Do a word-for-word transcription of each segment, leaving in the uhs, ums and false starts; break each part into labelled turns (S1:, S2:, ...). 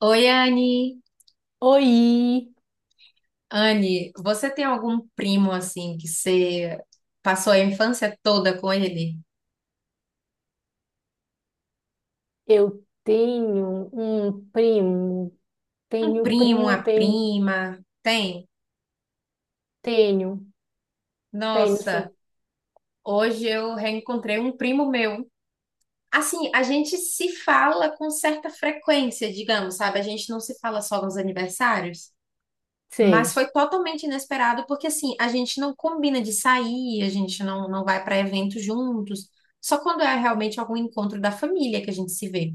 S1: Oi, Anne.
S2: Oi,
S1: Anne, você tem algum primo assim que você passou a infância toda com ele?
S2: eu tenho um primo,
S1: Um
S2: tenho
S1: primo,
S2: primo,
S1: uma
S2: tenho,
S1: prima? Tem?
S2: tenho, tenho,
S1: Nossa,
S2: sim.
S1: hoje eu reencontrei um primo meu. Assim, a gente se fala com certa frequência, digamos, sabe? A gente não se fala só nos aniversários, mas
S2: Sei.
S1: foi totalmente inesperado porque assim, a gente não combina de sair, a gente não, não vai para eventos juntos. Só quando é realmente algum encontro da família que a gente se vê.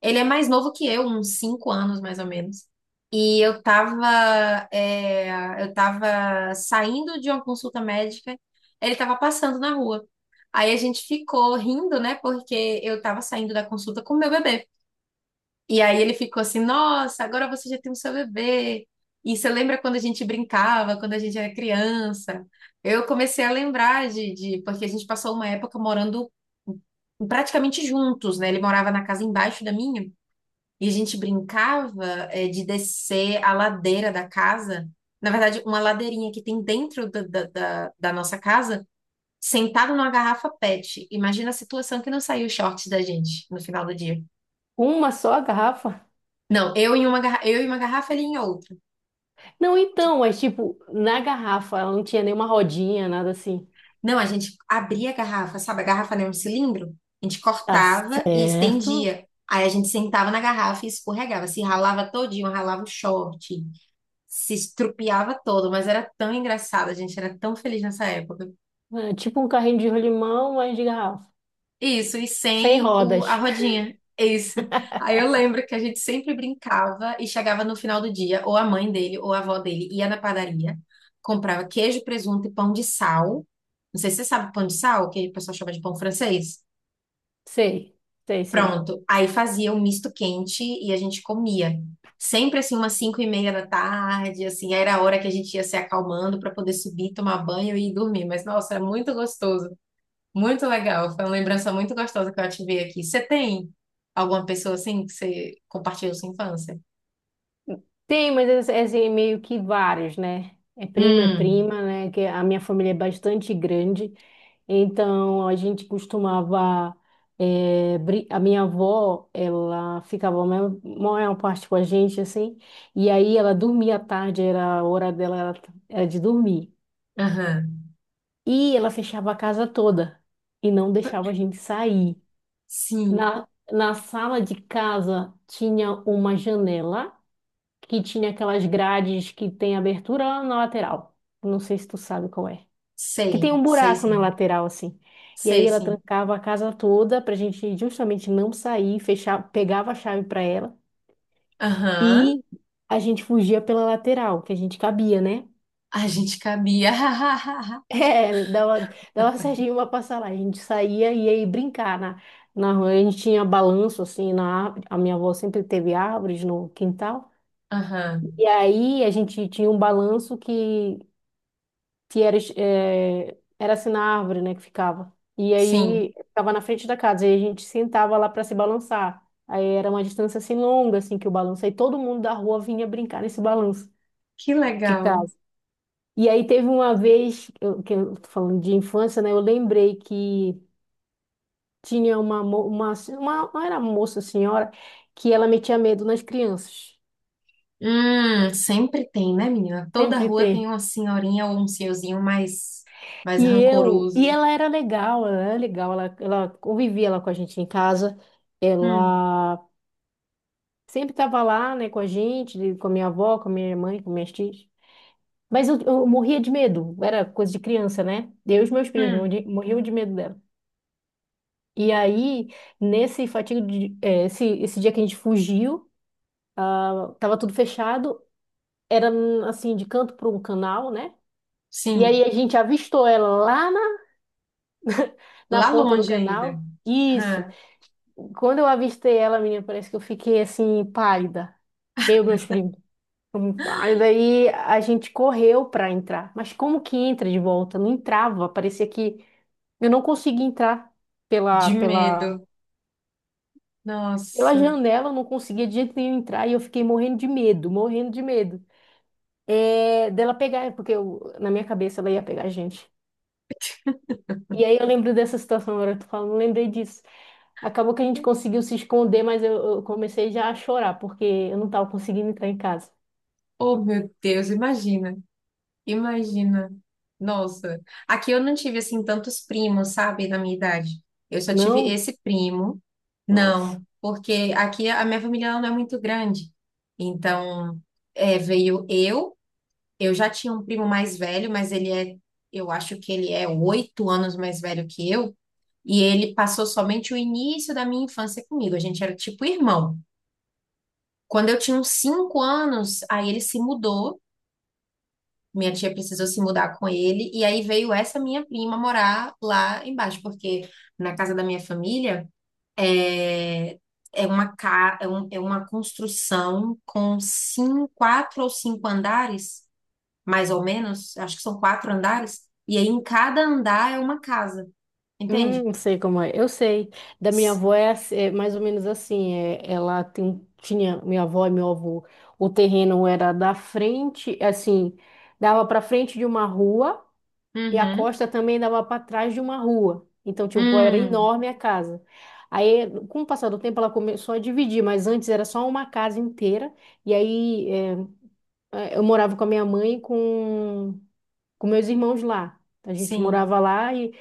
S1: Ele é mais novo que eu, uns cinco anos mais ou menos. E eu tava, é, eu tava saindo de uma consulta médica, ele tava passando na rua. Aí a gente ficou rindo, né? Porque eu tava saindo da consulta com o meu bebê. E aí ele ficou assim: Nossa, agora você já tem o seu bebê. E você lembra quando a gente brincava, quando a gente era criança? Eu comecei a lembrar de, de- porque a gente passou uma época morando praticamente juntos, né? Ele morava na casa embaixo da minha. E a gente brincava, eh, de descer a ladeira da casa. Na verdade, uma ladeirinha que tem dentro da, da, da- da nossa casa, sentado numa garrafa PET. Imagina a situação que não saiu o shorts da gente no final do dia.
S2: Uma só garrafa?
S1: Não, eu em uma, garra- eu em uma garrafa, ele em outra.
S2: Não, então, mas tipo, na garrafa ela não tinha nenhuma rodinha, nada assim.
S1: Não, a gente abria a garrafa, sabe? A garrafa não é um cilindro. A gente
S2: Tá
S1: cortava e
S2: certo.
S1: estendia. Aí a gente sentava na garrafa e escorregava. Se ralava todinho, ralava o short. se estrupiava todo, mas era tão engraçado, a gente era tão feliz nessa época.
S2: É tipo um carrinho de rolimão, mas de garrafa.
S1: Isso, e
S2: Sem
S1: sem o, a
S2: rodas.
S1: rodinha. Isso. Aí eu lembro que a gente sempre brincava e chegava no final do dia, ou a mãe dele, ou a avó dele ia na padaria, comprava queijo, presunto e pão de sal. Não sei se você sabe pão de sal, que o pessoal chama de pão francês.
S2: Sei, sei, sei.
S1: Pronto. Aí fazia o misto quente e a gente comia. Sempre assim, umas cinco e meia da tarde, assim, era a hora que a gente ia se acalmando para poder subir, tomar banho e ir dormir. Mas, nossa, era muito gostoso, muito legal. Foi uma lembrança muito gostosa que eu ativei aqui. Você tem alguma pessoa assim que você compartilhou sua infância?
S2: Tem, mas é, é assim, meio que vários, né? É prima, é
S1: Hum,
S2: prima, né? Que a minha família é bastante grande. Então, a gente costumava. Eh, brin- a minha avó, ela ficava a maior, maior parte com a gente, assim. E aí ela dormia à tarde, era a hora dela, era era de dormir.
S1: aham.
S2: E ela fechava a casa toda e não deixava a gente sair.
S1: Sim,
S2: Na, Na sala de casa tinha uma janela que tinha aquelas grades que tem abertura na lateral. Não sei se tu sabe qual é. Que
S1: sei,
S2: tem um
S1: sei
S2: buraco na
S1: sim.
S2: lateral, assim. E aí
S1: Sei
S2: ela
S1: sim.
S2: trancava a casa toda pra gente justamente não sair, fechar, pegava a chave pra ela
S1: Aham.
S2: e a gente fugia pela lateral, que a gente cabia, né?
S1: A gente cabia.
S2: É, dava, dava certinho pra passar lá. A gente saía e ia brincar na, na rua. A gente tinha balanço, assim, na árvore. A minha avó sempre teve árvores no quintal.
S1: Aham.
S2: E aí a gente tinha um balanço que que era, eh, era assim na árvore, né, que ficava. E
S1: Sim.
S2: aí ficava na frente da casa, e a gente sentava lá para se balançar. Aí era uma distância assim longa, assim, que o balanço. Aí todo mundo da rua vinha brincar nesse balanço
S1: Que
S2: de
S1: legal.
S2: casa. E aí teve uma vez, eu, que eu tô falando de infância, né, eu lembrei que tinha uma, mo- uma, uma, não era moça, senhora, que ela metia medo nas crianças.
S1: Hum, sempre tem, né, menina? Toda
S2: Sempre
S1: rua tem
S2: tem.
S1: uma senhorinha ou um senhorzinho mais, mais
S2: E eu, e
S1: rancoroso.
S2: ela era legal, ela era legal, ela, ela convivia lá com a gente em casa,
S1: Hum,
S2: ela sempre estava lá, né, com a gente, com a minha avó, com a minha mãe, com minhas tias. Mas eu, eu morria de medo, era coisa de criança, né? Eu e os meus primos
S1: hum,
S2: morri- morriam de medo dela. E aí, nesse fatigo de, eh, esse, esse dia que a gente fugiu, tava tudo fechado, era assim, de canto para um canal, né? E aí
S1: sim.
S2: a gente avistou ela lá na, na
S1: Lá
S2: ponta do
S1: longe ainda.
S2: canal. Isso.
S1: Hã,
S2: Quando eu avistei ela, menina, parece que eu fiquei assim, pálida. Eu e meus primos. Hum. Aí daí a gente correu pra entrar. Mas como que entra de volta? Não entrava. Parecia que eu não conseguia entrar pela,
S1: de
S2: pela,
S1: medo.
S2: pela
S1: Nossa.
S2: janela, eu não conseguia de jeito nenhum entrar. E eu fiquei morrendo de medo, morrendo de medo. É, dela pegar, porque eu- na minha cabeça ela ia pegar a gente. E aí eu lembro dessa situação, agora eu tô falando, lembrei disso. Acabou que a gente conseguiu se esconder, mas eu, eu comecei já a chorar, porque eu não estava conseguindo entrar em casa.
S1: Oh, meu Deus, imagina. Imagina. Nossa. Aqui eu não tive, assim, tantos primos, sabe, na minha idade. Eu só tive
S2: Não?
S1: esse primo.
S2: Nossa.
S1: Não, porque aqui a minha família ela não é muito grande. Então, é, veio eu. Eu já tinha um primo mais velho, mas ele é, eu acho que ele é oito anos mais velho que eu, e ele passou somente o início da minha infância comigo. A gente era tipo irmão. Quando eu tinha uns cinco anos, aí ele se mudou, minha tia precisou se mudar com ele, e aí veio essa minha prima morar lá embaixo, porque na casa da minha família é, é uma, ca- é um- é uma construção com cinco, quatro ou cinco andares. Mais ou menos, acho que são quatro andares, e aí em cada andar é uma casa,
S2: Hum,
S1: entende?
S2: não sei como é. Eu sei. Da minha
S1: S-
S2: avó é, ass- é mais ou menos assim. É, ela tem, tinha, minha avó e meu avô, o terreno era da frente, assim, dava para frente de uma rua e a
S1: Uhum.
S2: costa também dava para trás de uma rua. Então, tipo, era
S1: Hum,
S2: enorme a casa. Aí, com o passar do tempo, ela começou a dividir, mas antes era só uma casa inteira. E aí, é, eh, eu morava com a minha mãe e com, com meus irmãos lá. A gente
S1: sim.
S2: morava lá e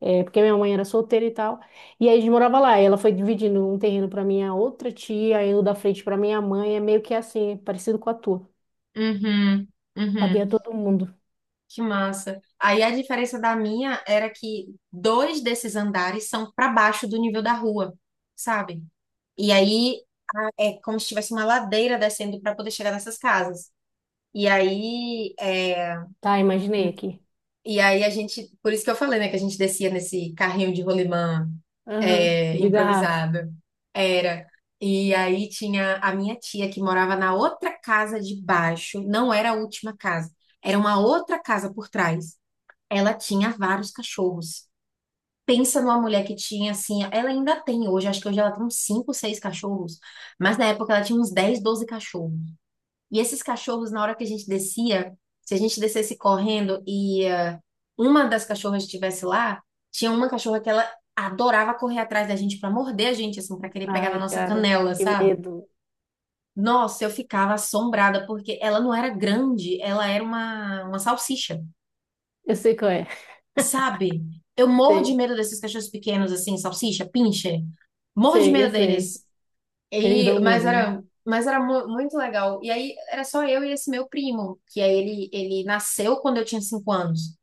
S2: eh, porque minha mãe era solteira e tal. E aí a gente morava lá. E ela foi dividindo um terreno para minha outra tia, aí o da frente para minha mãe. É meio que assim, é parecido com a tua.
S1: Uhum. Uhum.
S2: Cabia todo mundo.
S1: Que massa. Aí a diferença da minha era que dois desses andares são para baixo do nível da rua, sabe? E aí é como se tivesse uma ladeira descendo para poder chegar nessas casas. E aí, é,
S2: Tá, imaginei aqui.
S1: e aí a gente, por isso que eu falei, né, que a gente descia nesse carrinho de rolimã
S2: Aham,
S1: é,
S2: de garrafa.
S1: improvisado. Era. E aí tinha a minha tia que morava na outra casa de baixo, não era a última casa, era uma outra casa por trás. Ela tinha vários cachorros. Pensa numa mulher que tinha assim, ela ainda tem hoje, acho que hoje ela tem uns cinco, seis cachorros, mas na época ela tinha uns dez doze cachorros. E esses cachorros, na hora que a gente descia, se a gente descesse correndo e ah, uma das cachorras estivesse lá, tinha uma cachorra que ela adorava correr atrás da gente pra morder a gente, assim, pra querer pegar na
S2: Ai,
S1: nossa
S2: cara,
S1: canela,
S2: que
S1: sabe?
S2: medo.
S1: Nossa, eu ficava assombrada, porque ela não era grande, ela era uma, uma salsicha,
S2: Eu sei qual é.
S1: sabe? Eu morro de
S2: Sei,
S1: medo desses cachorros pequenos, assim, salsicha, pincher. Morro de
S2: sei, eu
S1: medo
S2: sei.
S1: deles.
S2: Eles
S1: E,
S2: dão
S1: mas
S2: medo mesmo.
S1: era, mas era mu- muito legal. E aí era só eu e esse meu primo, que aí ele, ele nasceu quando eu tinha cinco anos.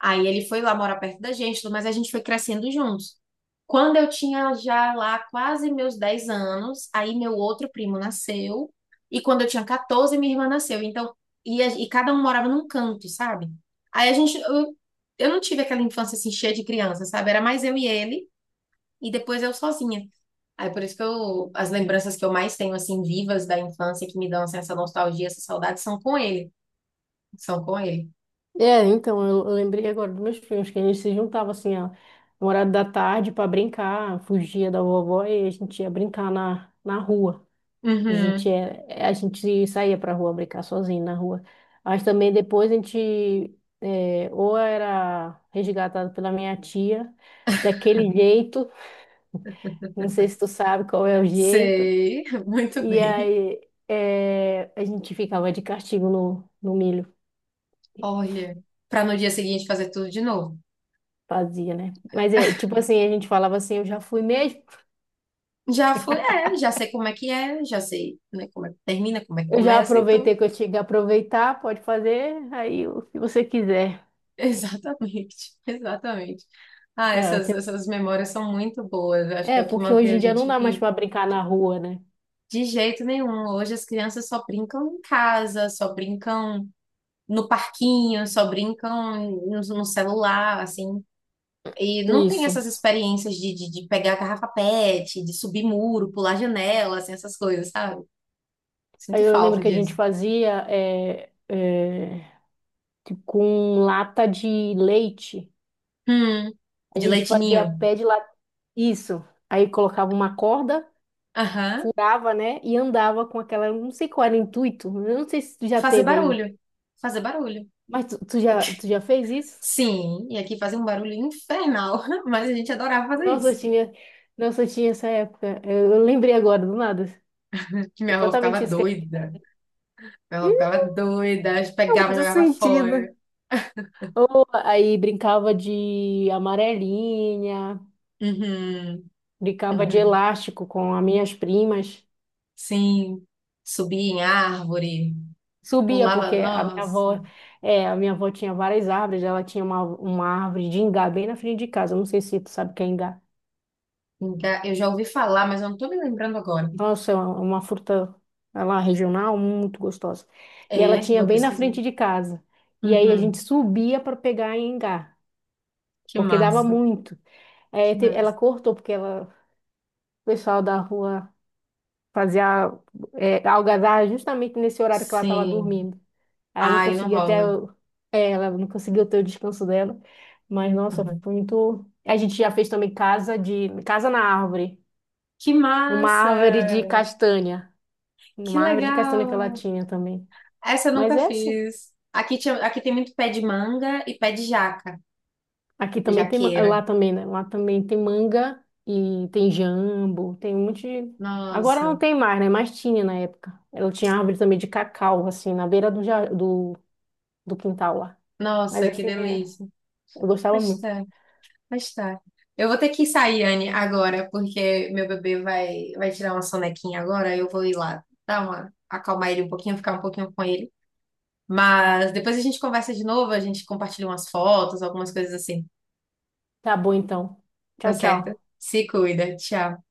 S1: Aí ele foi lá morar perto da gente, mas a gente foi crescendo juntos. Quando eu tinha já lá quase meus dez anos, aí meu outro primo nasceu. E quando eu tinha quatorze, minha irmã nasceu. Então, e, a- e cada um morava num canto, sabe? Aí a gente, eu, eu não tive aquela infância assim cheia de criança, sabe? Era mais eu e ele e depois eu sozinha. Aí por isso que eu, as lembranças que eu mais tenho, assim, vivas da infância, que me dão assim, essa nostalgia, essa saudade, são com ele. São com ele.
S2: É, então, eu, eu lembrei agora dos meus filhos, que a gente se juntava assim, ó, no horário da tarde para brincar, fugia da vovó e a gente ia brincar na, na rua. A gente,
S1: Uhum,
S2: é, é, a gente saía pra rua brincar sozinho na rua. Mas também depois a gente é, ou era resgatado pela minha tia, daquele jeito, não sei se tu sabe qual é o jeito,
S1: sei, muito
S2: e
S1: bem.
S2: aí é, a gente ficava de castigo no, no milho.
S1: Olha, para no dia seguinte fazer tudo de novo.
S2: Fazia, né? Mas é tipo assim, a gente falava assim, eu já fui mesmo,
S1: Já foi, é, já sei como é que é, já sei, né, como é que termina, como é que
S2: eu já
S1: começa, então,
S2: aproveitei que eu tinha que aproveitar, pode fazer aí o que você quiser.
S1: exatamente, exatamente. Ah,
S2: É,
S1: essas,
S2: você-
S1: essas memórias são muito boas, eu acho que é
S2: É,
S1: o que
S2: porque
S1: mantém
S2: hoje
S1: a
S2: em dia não
S1: gente
S2: dá mais
S1: vivo.
S2: para brincar na rua, né?
S1: De jeito nenhum. Hoje as crianças só brincam em casa, só brincam no parquinho, só brincam no, no celular, assim. E não tem
S2: Isso.
S1: essas experiências de, de, de pegar garrafa PET, de subir muro, pular janela, assim, essas coisas, sabe? Sinto
S2: Aí eu lembro
S1: falta
S2: que a gente
S1: disso.
S2: fazia é, é, tipo, com lata de leite.
S1: Hum,
S2: A
S1: de
S2: gente fazia
S1: leitinho.
S2: pé de lata. Isso. Aí colocava uma corda,
S1: Aham.
S2: furava, né? E andava com aquela. Não sei qual era o intuito. Eu não sei se tu já
S1: Fazer
S2: teve aí.
S1: barulho. Fazer barulho.
S2: Mas tu, tu já, tu já fez isso?
S1: Sim, e aqui fazia um barulho infernal, mas a gente adorava fazer
S2: Nossa, eu
S1: isso.
S2: tinha, nossa, eu tinha essa época. Eu, eu lembrei agora, do nada.
S1: Que minha avó ficava
S2: Exatamente isso que a gente.
S1: doida. Ela ficava doida,
S2: Não,
S1: pegava e
S2: muito
S1: jogava fora.
S2: sentido. Aí brincava de amarelinha,
S1: Uhum,
S2: brincava de
S1: uhum.
S2: elástico com as minhas primas.
S1: Sim, subia em árvore,
S2: Subia, porque
S1: pulava,
S2: a minha
S1: nossa.
S2: avó, é, a minha avó tinha várias árvores, ela tinha uma, uma árvore de ingá bem na frente de casa. Não sei se tu sabe o que é ingá.
S1: Enga- Eu já ouvi falar, mas eu não tô me lembrando agora.
S2: Nossa, é uma, uma fruta é lá regional muito gostosa. E ela
S1: É,
S2: tinha
S1: vou
S2: bem na
S1: pesquisar.
S2: frente de casa. E aí a gente
S1: Uhum,
S2: subia para pegar ingá.
S1: que
S2: Porque dava
S1: massa,
S2: muito. É,
S1: que
S2: te- ela
S1: massa.
S2: cortou, porque ela, o pessoal da rua fazia é, algazarra justamente nesse horário que ela estava
S1: Sim.
S2: dormindo. Aí ela não
S1: Ai, não
S2: conseguia até,
S1: rola.
S2: o- é, ela não conseguiu ter o descanso dela. Mas, nossa,
S1: Uhum.
S2: foi muito. A gente já fez também casa de casa na árvore,
S1: Que
S2: numa árvore de
S1: massa!
S2: castanha,
S1: Que
S2: numa árvore de castanha que ela
S1: legal!
S2: tinha também.
S1: Essa eu
S2: Mas
S1: nunca
S2: é assim.
S1: fiz. Aqui, tinha, aqui tem muito pé de manga e pé de jaca,
S2: Aqui também tem, ma-
S1: jaqueira.
S2: lá também, né? Lá também tem manga e tem jambo, tem um monte de... Agora não
S1: Nossa,
S2: tem mais, né? Mas tinha na época. Ela tinha árvore também de cacau, assim, na beira do, ja- do, do quintal lá. Mas
S1: nossa, que
S2: assim, é,
S1: delícia.
S2: eu gostava
S1: Mas
S2: muito.
S1: tá. Mas tá. Eu vou ter que sair, Anne, agora, porque meu bebê vai, vai tirar uma sonequinha agora. Eu vou ir lá dar uma, acalmar ele um pouquinho, ficar um pouquinho com ele. Mas depois a gente conversa de novo, a gente compartilha umas fotos, algumas coisas assim.
S2: Tá bom, então.
S1: Tá
S2: Tchau,
S1: certo?
S2: tchau.
S1: Se cuida. Tchau.